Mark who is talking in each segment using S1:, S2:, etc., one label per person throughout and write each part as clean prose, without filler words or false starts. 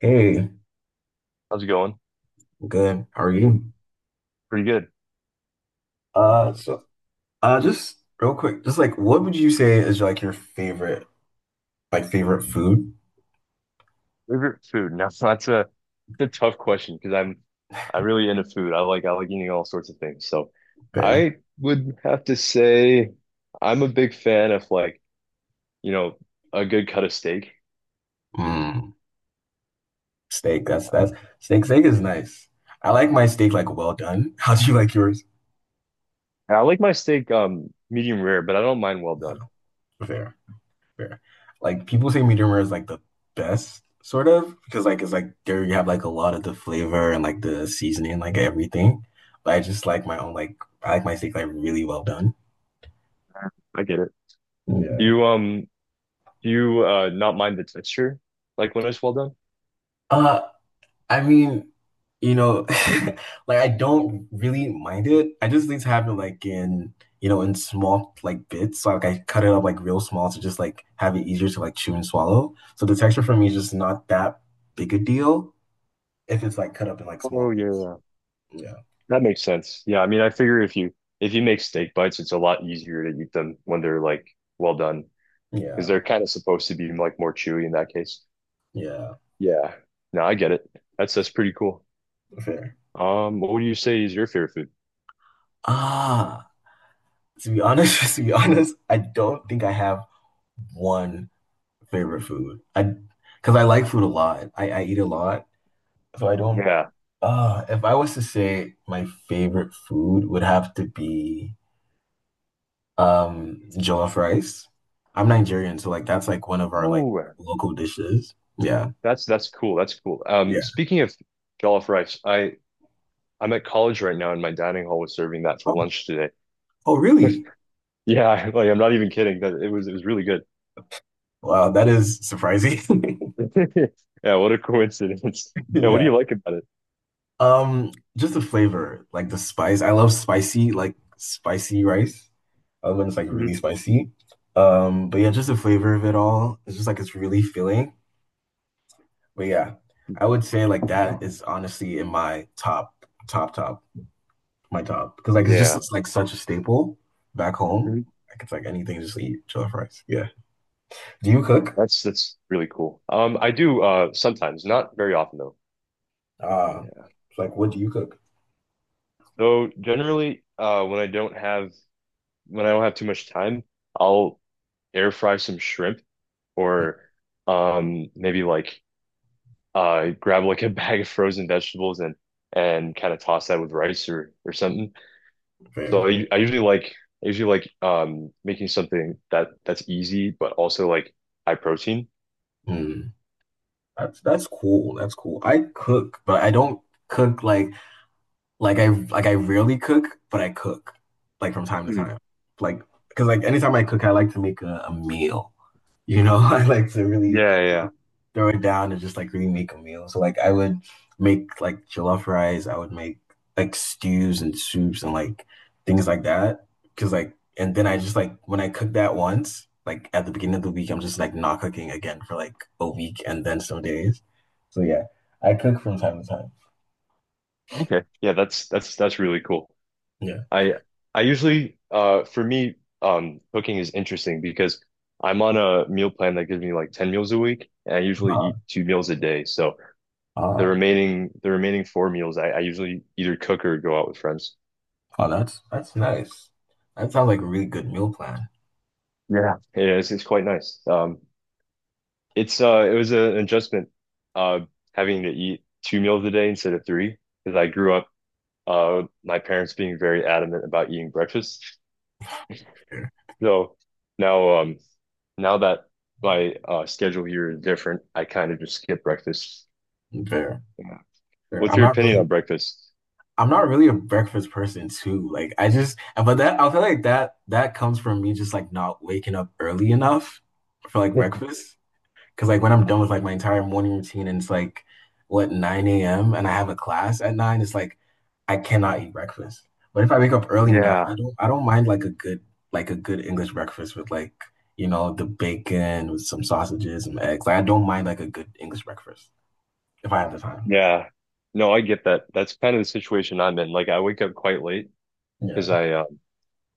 S1: Hey,
S2: How's it going?
S1: good. How are you?
S2: Pretty good. Yeah.
S1: So just real quick, just like what would you say is like your favorite, like favorite food
S2: Favorite food? Now so that's a tough question because I'm really into food. I like eating all sorts of things. So
S1: there?
S2: I would have to say I'm a big fan of you know, a good cut of steak.
S1: Mm, Steak. That's steak. Steak is nice. I like my steak like well done. How do you like yours?
S2: And I like my steak medium rare, but I don't mind well done.
S1: Fair, fair. Like people say medium rare is like the best, sort of, because like it's like there you have like a lot of the flavor and like the seasoning, like everything. But I just like my own like I like my steak like really well done.
S2: I get it.
S1: Yeah.
S2: Do you um do you not mind the texture like when it's well done?
S1: Uh, I mean, you know, like I don't really mind it. I just need to have it like in, in small like bits. So like I cut it up like real small to just like have it easier to like chew and swallow. So the texture for me is just not that big a deal if it's like cut up in like
S2: Oh
S1: small bits.
S2: yeah.
S1: Yeah.
S2: That makes sense. Yeah, I mean, I figure if you make steak bites, it's a lot easier to eat them when they're like well done
S1: Yeah.
S2: because they're kind of supposed to be like more chewy in that case.
S1: Yeah.
S2: Yeah. No, I get it. That's pretty cool.
S1: Fair.
S2: What would you say is your favorite food?
S1: Ah, to be honest, I don't think I have one favorite food. I Because I like food a lot. I eat a lot. So I don't.
S2: Yeah.
S1: If I was to say my favorite food would have to be jollof rice. I'm Nigerian, so like that's like one of our like
S2: Oh,
S1: local dishes. Yeah.
S2: that's cool. That's cool.
S1: Yeah.
S2: Speaking of jollof rice, I'm at college right now, and my dining hall was serving that for
S1: Oh,
S2: lunch today.
S1: oh really?
S2: Yeah, like I'm not even kidding. That it was really good.
S1: Wow, that is surprising.
S2: Yeah, what a coincidence. Yeah, what do
S1: Yeah.
S2: you like about it?
S1: Just the flavor, like the spice. I love spicy, like spicy rice. I love when it's like
S2: Mhm.
S1: really spicy. But yeah, just the flavor of it all. It's just like it's really filling. But yeah, I would say like that is honestly in my top, top, top, my top. Because like it's just
S2: Yeah.
S1: it's, like such a staple back home. Like it's like anything, just eat chili fries. Yeah. Do you cook?
S2: That's really cool. I do sometimes, not very often though.
S1: Uh,
S2: Yeah.
S1: it's like what do you cook?
S2: So generally, when I don't have too much time, I'll air fry some shrimp or maybe like grab like a bag of frozen vegetables and kind of toss that with rice or something.
S1: Fair.
S2: So I usually like making something that that's easy but also like high protein.
S1: Mm. That's cool. That's cool. I cook, but I don't cook like, like I rarely cook, but I cook like from time to
S2: Mm.
S1: time. Like because like anytime I cook, I like to make a meal. You know, I like to really
S2: Yeah.
S1: throw it down and just like really make a meal. So like I would make like jollof rice, I would make like stews and soups and like things like that. Because like and then I just like when I cook that once, like at the beginning of the week, I'm just like not cooking again for like a week and then some days. So yeah, I cook from time to time.
S2: Okay. Yeah, that's really cool.
S1: Yeah.
S2: I I usually for me cooking is interesting because I'm on a meal plan that gives me like 10 meals a week and I usually eat two meals a day. So the
S1: Uh,
S2: remaining the remaining four meals I usually either cook or go out with friends.
S1: oh, that's nice. That sounds like a really good meal plan.
S2: Yeah. Yeah, it's quite nice. Um, it's it was an adjustment uh having to eat two meals a day instead of three because I grew up with my parents being very adamant about eating breakfast.
S1: Fair,
S2: So now um Now that my schedule here is different, I kind of just skip breakfast.
S1: fair,
S2: Yeah.
S1: fair.
S2: What's
S1: I'm
S2: your
S1: not
S2: opinion
S1: really
S2: on breakfast?
S1: I'm not really a breakfast person too. Like I just, but that I feel like that that comes from me just like not waking up early enough for like breakfast. Because like when I'm done with like my entire morning routine and it's like what 9 a.m. and I have a class at 9, it's like I cannot eat breakfast. But if I wake up early enough, I
S2: Yeah,
S1: don't I don't mind like a good English breakfast with like the bacon with some sausages and eggs. Like I don't mind like a good English breakfast if I have the time.
S2: yeah. No, I get that. That's kind of the situation I'm in. Like I wake up quite late because
S1: Yeah,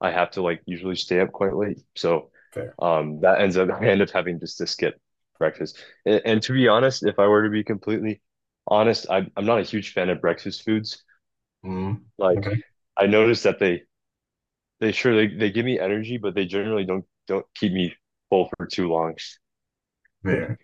S2: I have to like usually stay up quite late. So
S1: fair.
S2: that ends up I end up having just to skip breakfast. And, to be honest, if I were to be completely honest, I'm not a huge fan of breakfast foods.
S1: Mm,
S2: Like
S1: okay,
S2: I noticed that they sure they give me energy, but they generally don't keep me full for too long.
S1: fair.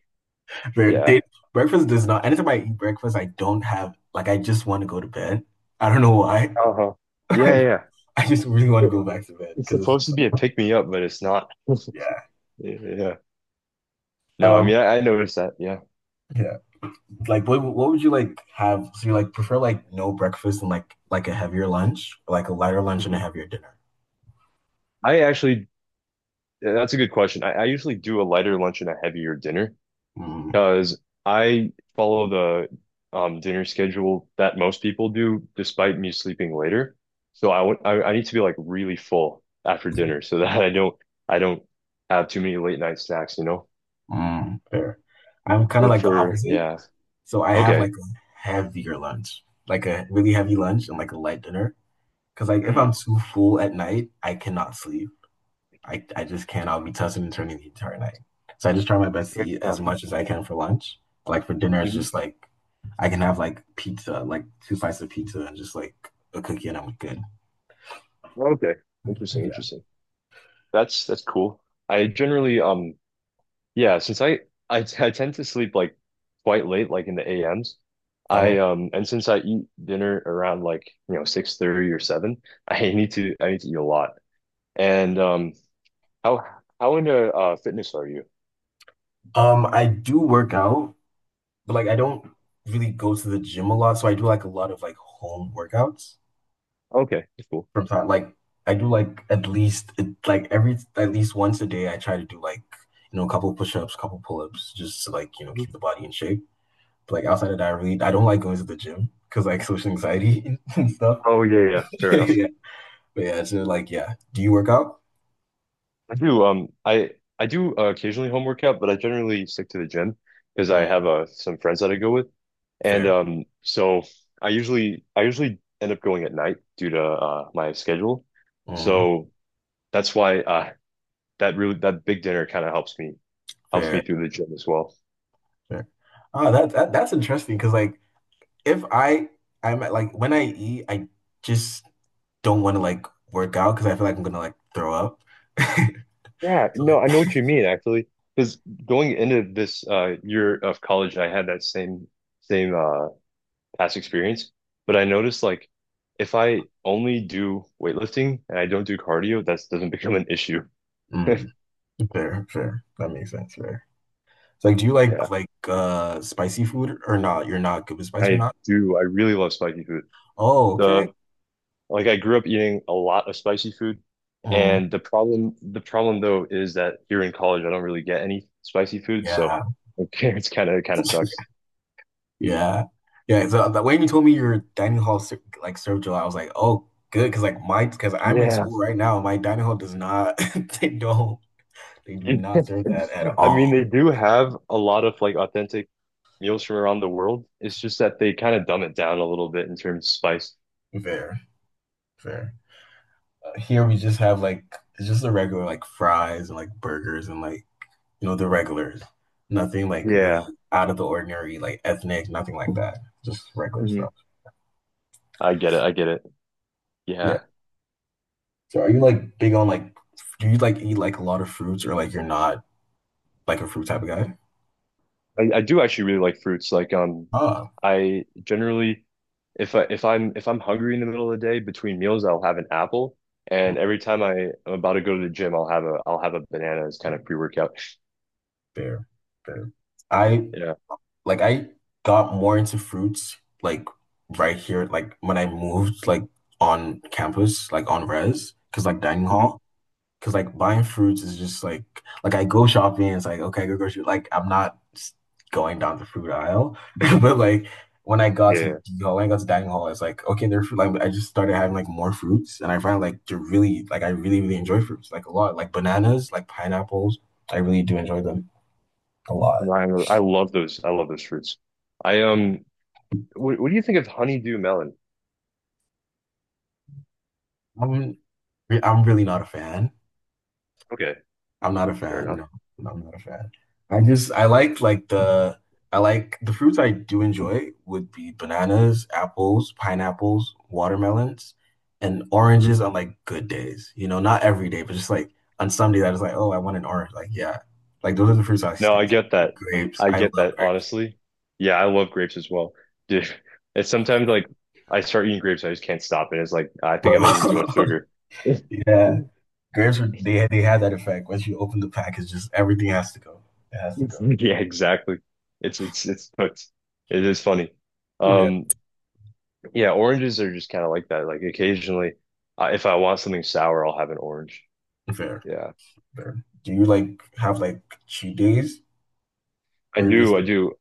S1: Bre-
S2: Yeah.
S1: they- Breakfast does not. Anytime I eat breakfast, I don't have like I just want to go to bed. I don't know why.
S2: Uh-huh. Yeah, yeah.
S1: Like I just really want to go
S2: It-
S1: back to bed
S2: It's
S1: because it's
S2: supposed
S1: just
S2: to be a
S1: like
S2: pick me up, but it's not.
S1: yeah,
S2: Yeah. No, I
S1: um,
S2: mean I noticed that. Yeah.
S1: yeah. Like what would you like have? So you like prefer like no breakfast and like a heavier lunch, or, like a lighter lunch and a
S2: Mhm.
S1: heavier dinner.
S2: I actually, that's a good question. I usually do a lighter lunch and a heavier dinner.
S1: Mm,
S2: Because I follow the dinner schedule that most people do, despite me sleeping later. So I need to be like really full after dinner so that I don't have too many late night snacks, you know?
S1: mm, fair. I'm kind of
S2: But
S1: like the
S2: for
S1: opposite.
S2: yeah,
S1: So I have like
S2: okay.
S1: a heavier lunch, like a really heavy lunch and like a light dinner. Because like if
S2: Hmm.
S1: I'm too full at night, I cannot sleep. I just can't. I'll be tossing and turning the entire night. So I just try my best to eat as
S2: Yeah.
S1: much as I can for lunch. Like for dinner, it's
S2: Mhm.
S1: just like I can have like pizza, like two slices of pizza and just like a cookie and I'm good.
S2: Okay. Interesting,
S1: Yeah.
S2: interesting. That's cool. I generally yeah, since I tend to sleep like quite late, like in the AMs.
S1: Oh.
S2: I and since I eat dinner around 6:30 or 7, I need to eat a lot. And how how into fitness are you?
S1: I do work out, but like I don't really go to the gym a lot. So I do like a lot of like home workouts
S2: Okay, cool.
S1: from time. Like I do like at least like every at least once a day I try to do like, a couple push-ups, couple pull-ups, just to like,
S2: Mhm.
S1: keep the body in shape. But, like outside of that, I don't like going to the gym because like social anxiety and stuff.
S2: Oh yeah, yeah, fair enough.
S1: yeah, but yeah, so like yeah, do you work out?
S2: I do. I do occasionally home workout, but I generally stick to the gym because I
S1: Mm,
S2: have some friends that I go with, and
S1: fair,
S2: so I usually end up going at night due to my schedule.
S1: mm,
S2: So that's why that really that big dinner kind of helps me
S1: fair,
S2: through the gym as well.
S1: fair. That's interesting because like if I I'm at, like when I eat, I just don't want to like work out because I feel like I'm gonna like throw up.
S2: Yeah,
S1: So
S2: no, I
S1: like,
S2: know what you mean actually. Because going into this year of college, I had that same past experience, but I noticed like if I only do weightlifting and I don't do cardio, that doesn't become an issue.
S1: mm, fair, fair. That makes sense. Fair. So like, do you
S2: Yeah,
S1: like spicy food or not? You're not good with spice or
S2: I
S1: not?
S2: do. I really love spicy food.
S1: Oh, okay.
S2: The Like I grew up eating a lot of spicy food,
S1: Mm,
S2: and the problem though is that here in college I don't really get any spicy food, so
S1: yeah.
S2: okay, it's kind of it kind of sucks.
S1: Yeah. Yeah. So when you told me your dining hall like served gelato, I was like, oh, good. Cause like cause I'm in
S2: Yeah.
S1: school right now. My dining hall does not, they don't, they do not serve that at
S2: I mean,
S1: all.
S2: they do have a lot of like authentic meals from around the world. It's just that they kind of dumb it down a little bit in terms of spice.
S1: Fair, fair. Here we just have like, it's just the regular like fries and like burgers and like, the regulars. Nothing like really
S2: Yeah.
S1: out of the ordinary, like ethnic, nothing like that. Just regular
S2: Hmm.
S1: stuff.
S2: I get it. I get it.
S1: Yeah.
S2: Yeah.
S1: So are you like big on like, do you like eat like a lot of fruits or like you're not like a fruit type of guy?
S2: I do actually really like fruits. Like
S1: Oh.
S2: I generally if I'm hungry in the middle of the day between meals, I'll have an apple. And every time I'm about to go to the gym, I'll have a banana as kind of pre-workout.
S1: Fair, fair. I
S2: Yeah.
S1: I got more into fruits like right here, like when I moved like on campus, like on res, because like dining
S2: Hmm.
S1: hall, because like buying fruits is just like I go shopping, it's like okay, go grocery, like I'm not going down the fruit aisle, but like
S2: Yeah.
S1: when I got to dining hall, it's like okay, they're fruit. Like I just started having like more fruits, and I find like to really like I really really enjoy fruits like a lot, like bananas, like pineapples. I really do enjoy them a lot.
S2: Ryan, I love those. I love those fruits. I what do you think of honeydew melon?
S1: I'm I'm really not a fan.
S2: Okay,
S1: I'm not a
S2: fair
S1: fan.
S2: enough.
S1: No, I'm not a fan. I just I like the I like the fruits I do enjoy would be bananas, apples, pineapples, watermelons, and oranges on like good days. You know, not every day, but just like on some days I was like, oh, I want an orange. Like, yeah. Like those are the fruits I
S2: No,
S1: stick
S2: I
S1: to.
S2: get that.
S1: Grapes.
S2: I
S1: I
S2: get
S1: love
S2: that,
S1: grapes,
S2: honestly. Yeah, I love grapes as well. Dude, it's sometimes like I start eating grapes, I just can't stop it. It's like I
S1: bro.
S2: think I'm eating too much sugar.
S1: Yeah. Grapes are they have that effect. Once you open the package, just everything has to go. It has to go.
S2: Yeah, exactly. It's it's cooked. It is funny.
S1: Yeah.
S2: Um, yeah, oranges are just kind of like that. Like occasionally, I if I want something sour, I'll have an orange.
S1: Fair.
S2: Yeah,
S1: There? Do you like have like cheat days
S2: I
S1: or you're just
S2: do. I do.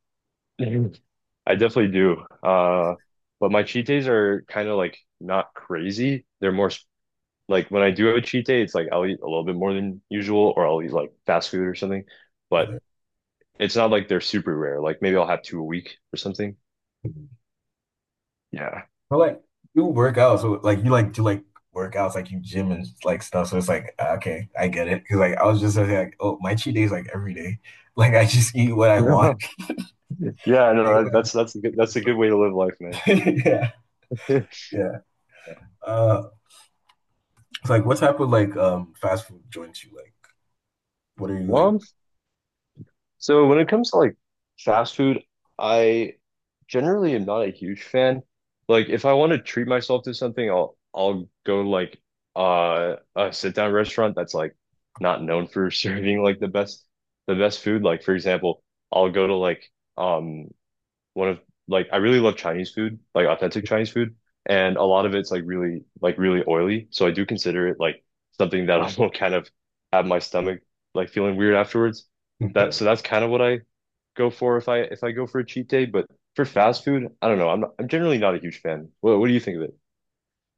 S2: I definitely do. But my cheat days are kind of like not crazy. They're more like when I do have a cheat day, it's like I'll eat a little bit more than usual, or I'll eat like fast food or something.
S1: over
S2: But
S1: there?
S2: it's not like they're super rare. Like maybe I'll have two a week or something. Yeah.
S1: But like you work out, so like you like do like workouts, like you gym and like stuff. So it's like ah, okay, I get it. Because like I was just like, oh, my cheat day is like every day. Like I just eat what I want.
S2: Yeah,
S1: I
S2: no,
S1: what I want.
S2: that's a
S1: Just
S2: good way to live life, man.
S1: like yeah, yeah. Uh, it's like what type of like fast food joints you like? What are you
S2: Well,
S1: like?
S2: I'm so when it comes to like fast food, I generally am not a huge fan. Like if I want to treat myself to something, I'll go like a sit down restaurant that's like not known for serving like the best food. Like for example, I'll go to like um one of like I really love Chinese food, like authentic Chinese food, and a lot of it's like really oily. So I do consider it like something that I will kind of have my stomach like feeling weird afterwards. That so that's kind of what I go for if I go for a cheat day. But for fast food, I don't know. I'm generally not a huge fan. What do you think of it?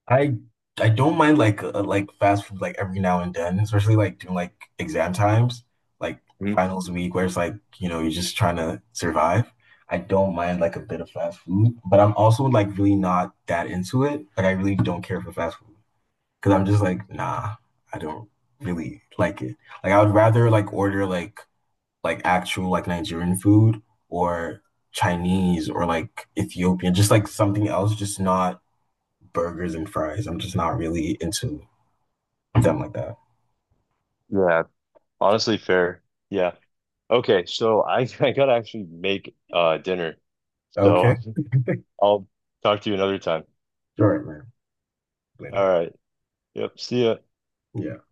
S1: I I don't mind like fast food like every now and then, especially like during like exam times, like
S2: Mhm.
S1: finals week where it's like, you're just trying to survive. I don't mind like a bit of fast food, but I'm also like really not that into it. Like I really don't care for fast food because I'm just like, nah, I don't really like it. Like I would rather like order like actual like Nigerian food or Chinese or like Ethiopian, just like something else, just not burgers and fries. I'm just not really into them like that.
S2: Yeah, honestly, fair. Yeah. Okay, so I I gotta actually make dinner.
S1: Okay.
S2: So I'll talk to you another time.
S1: All right, man.
S2: All
S1: Later.
S2: right. Yep. See ya.
S1: Yeah.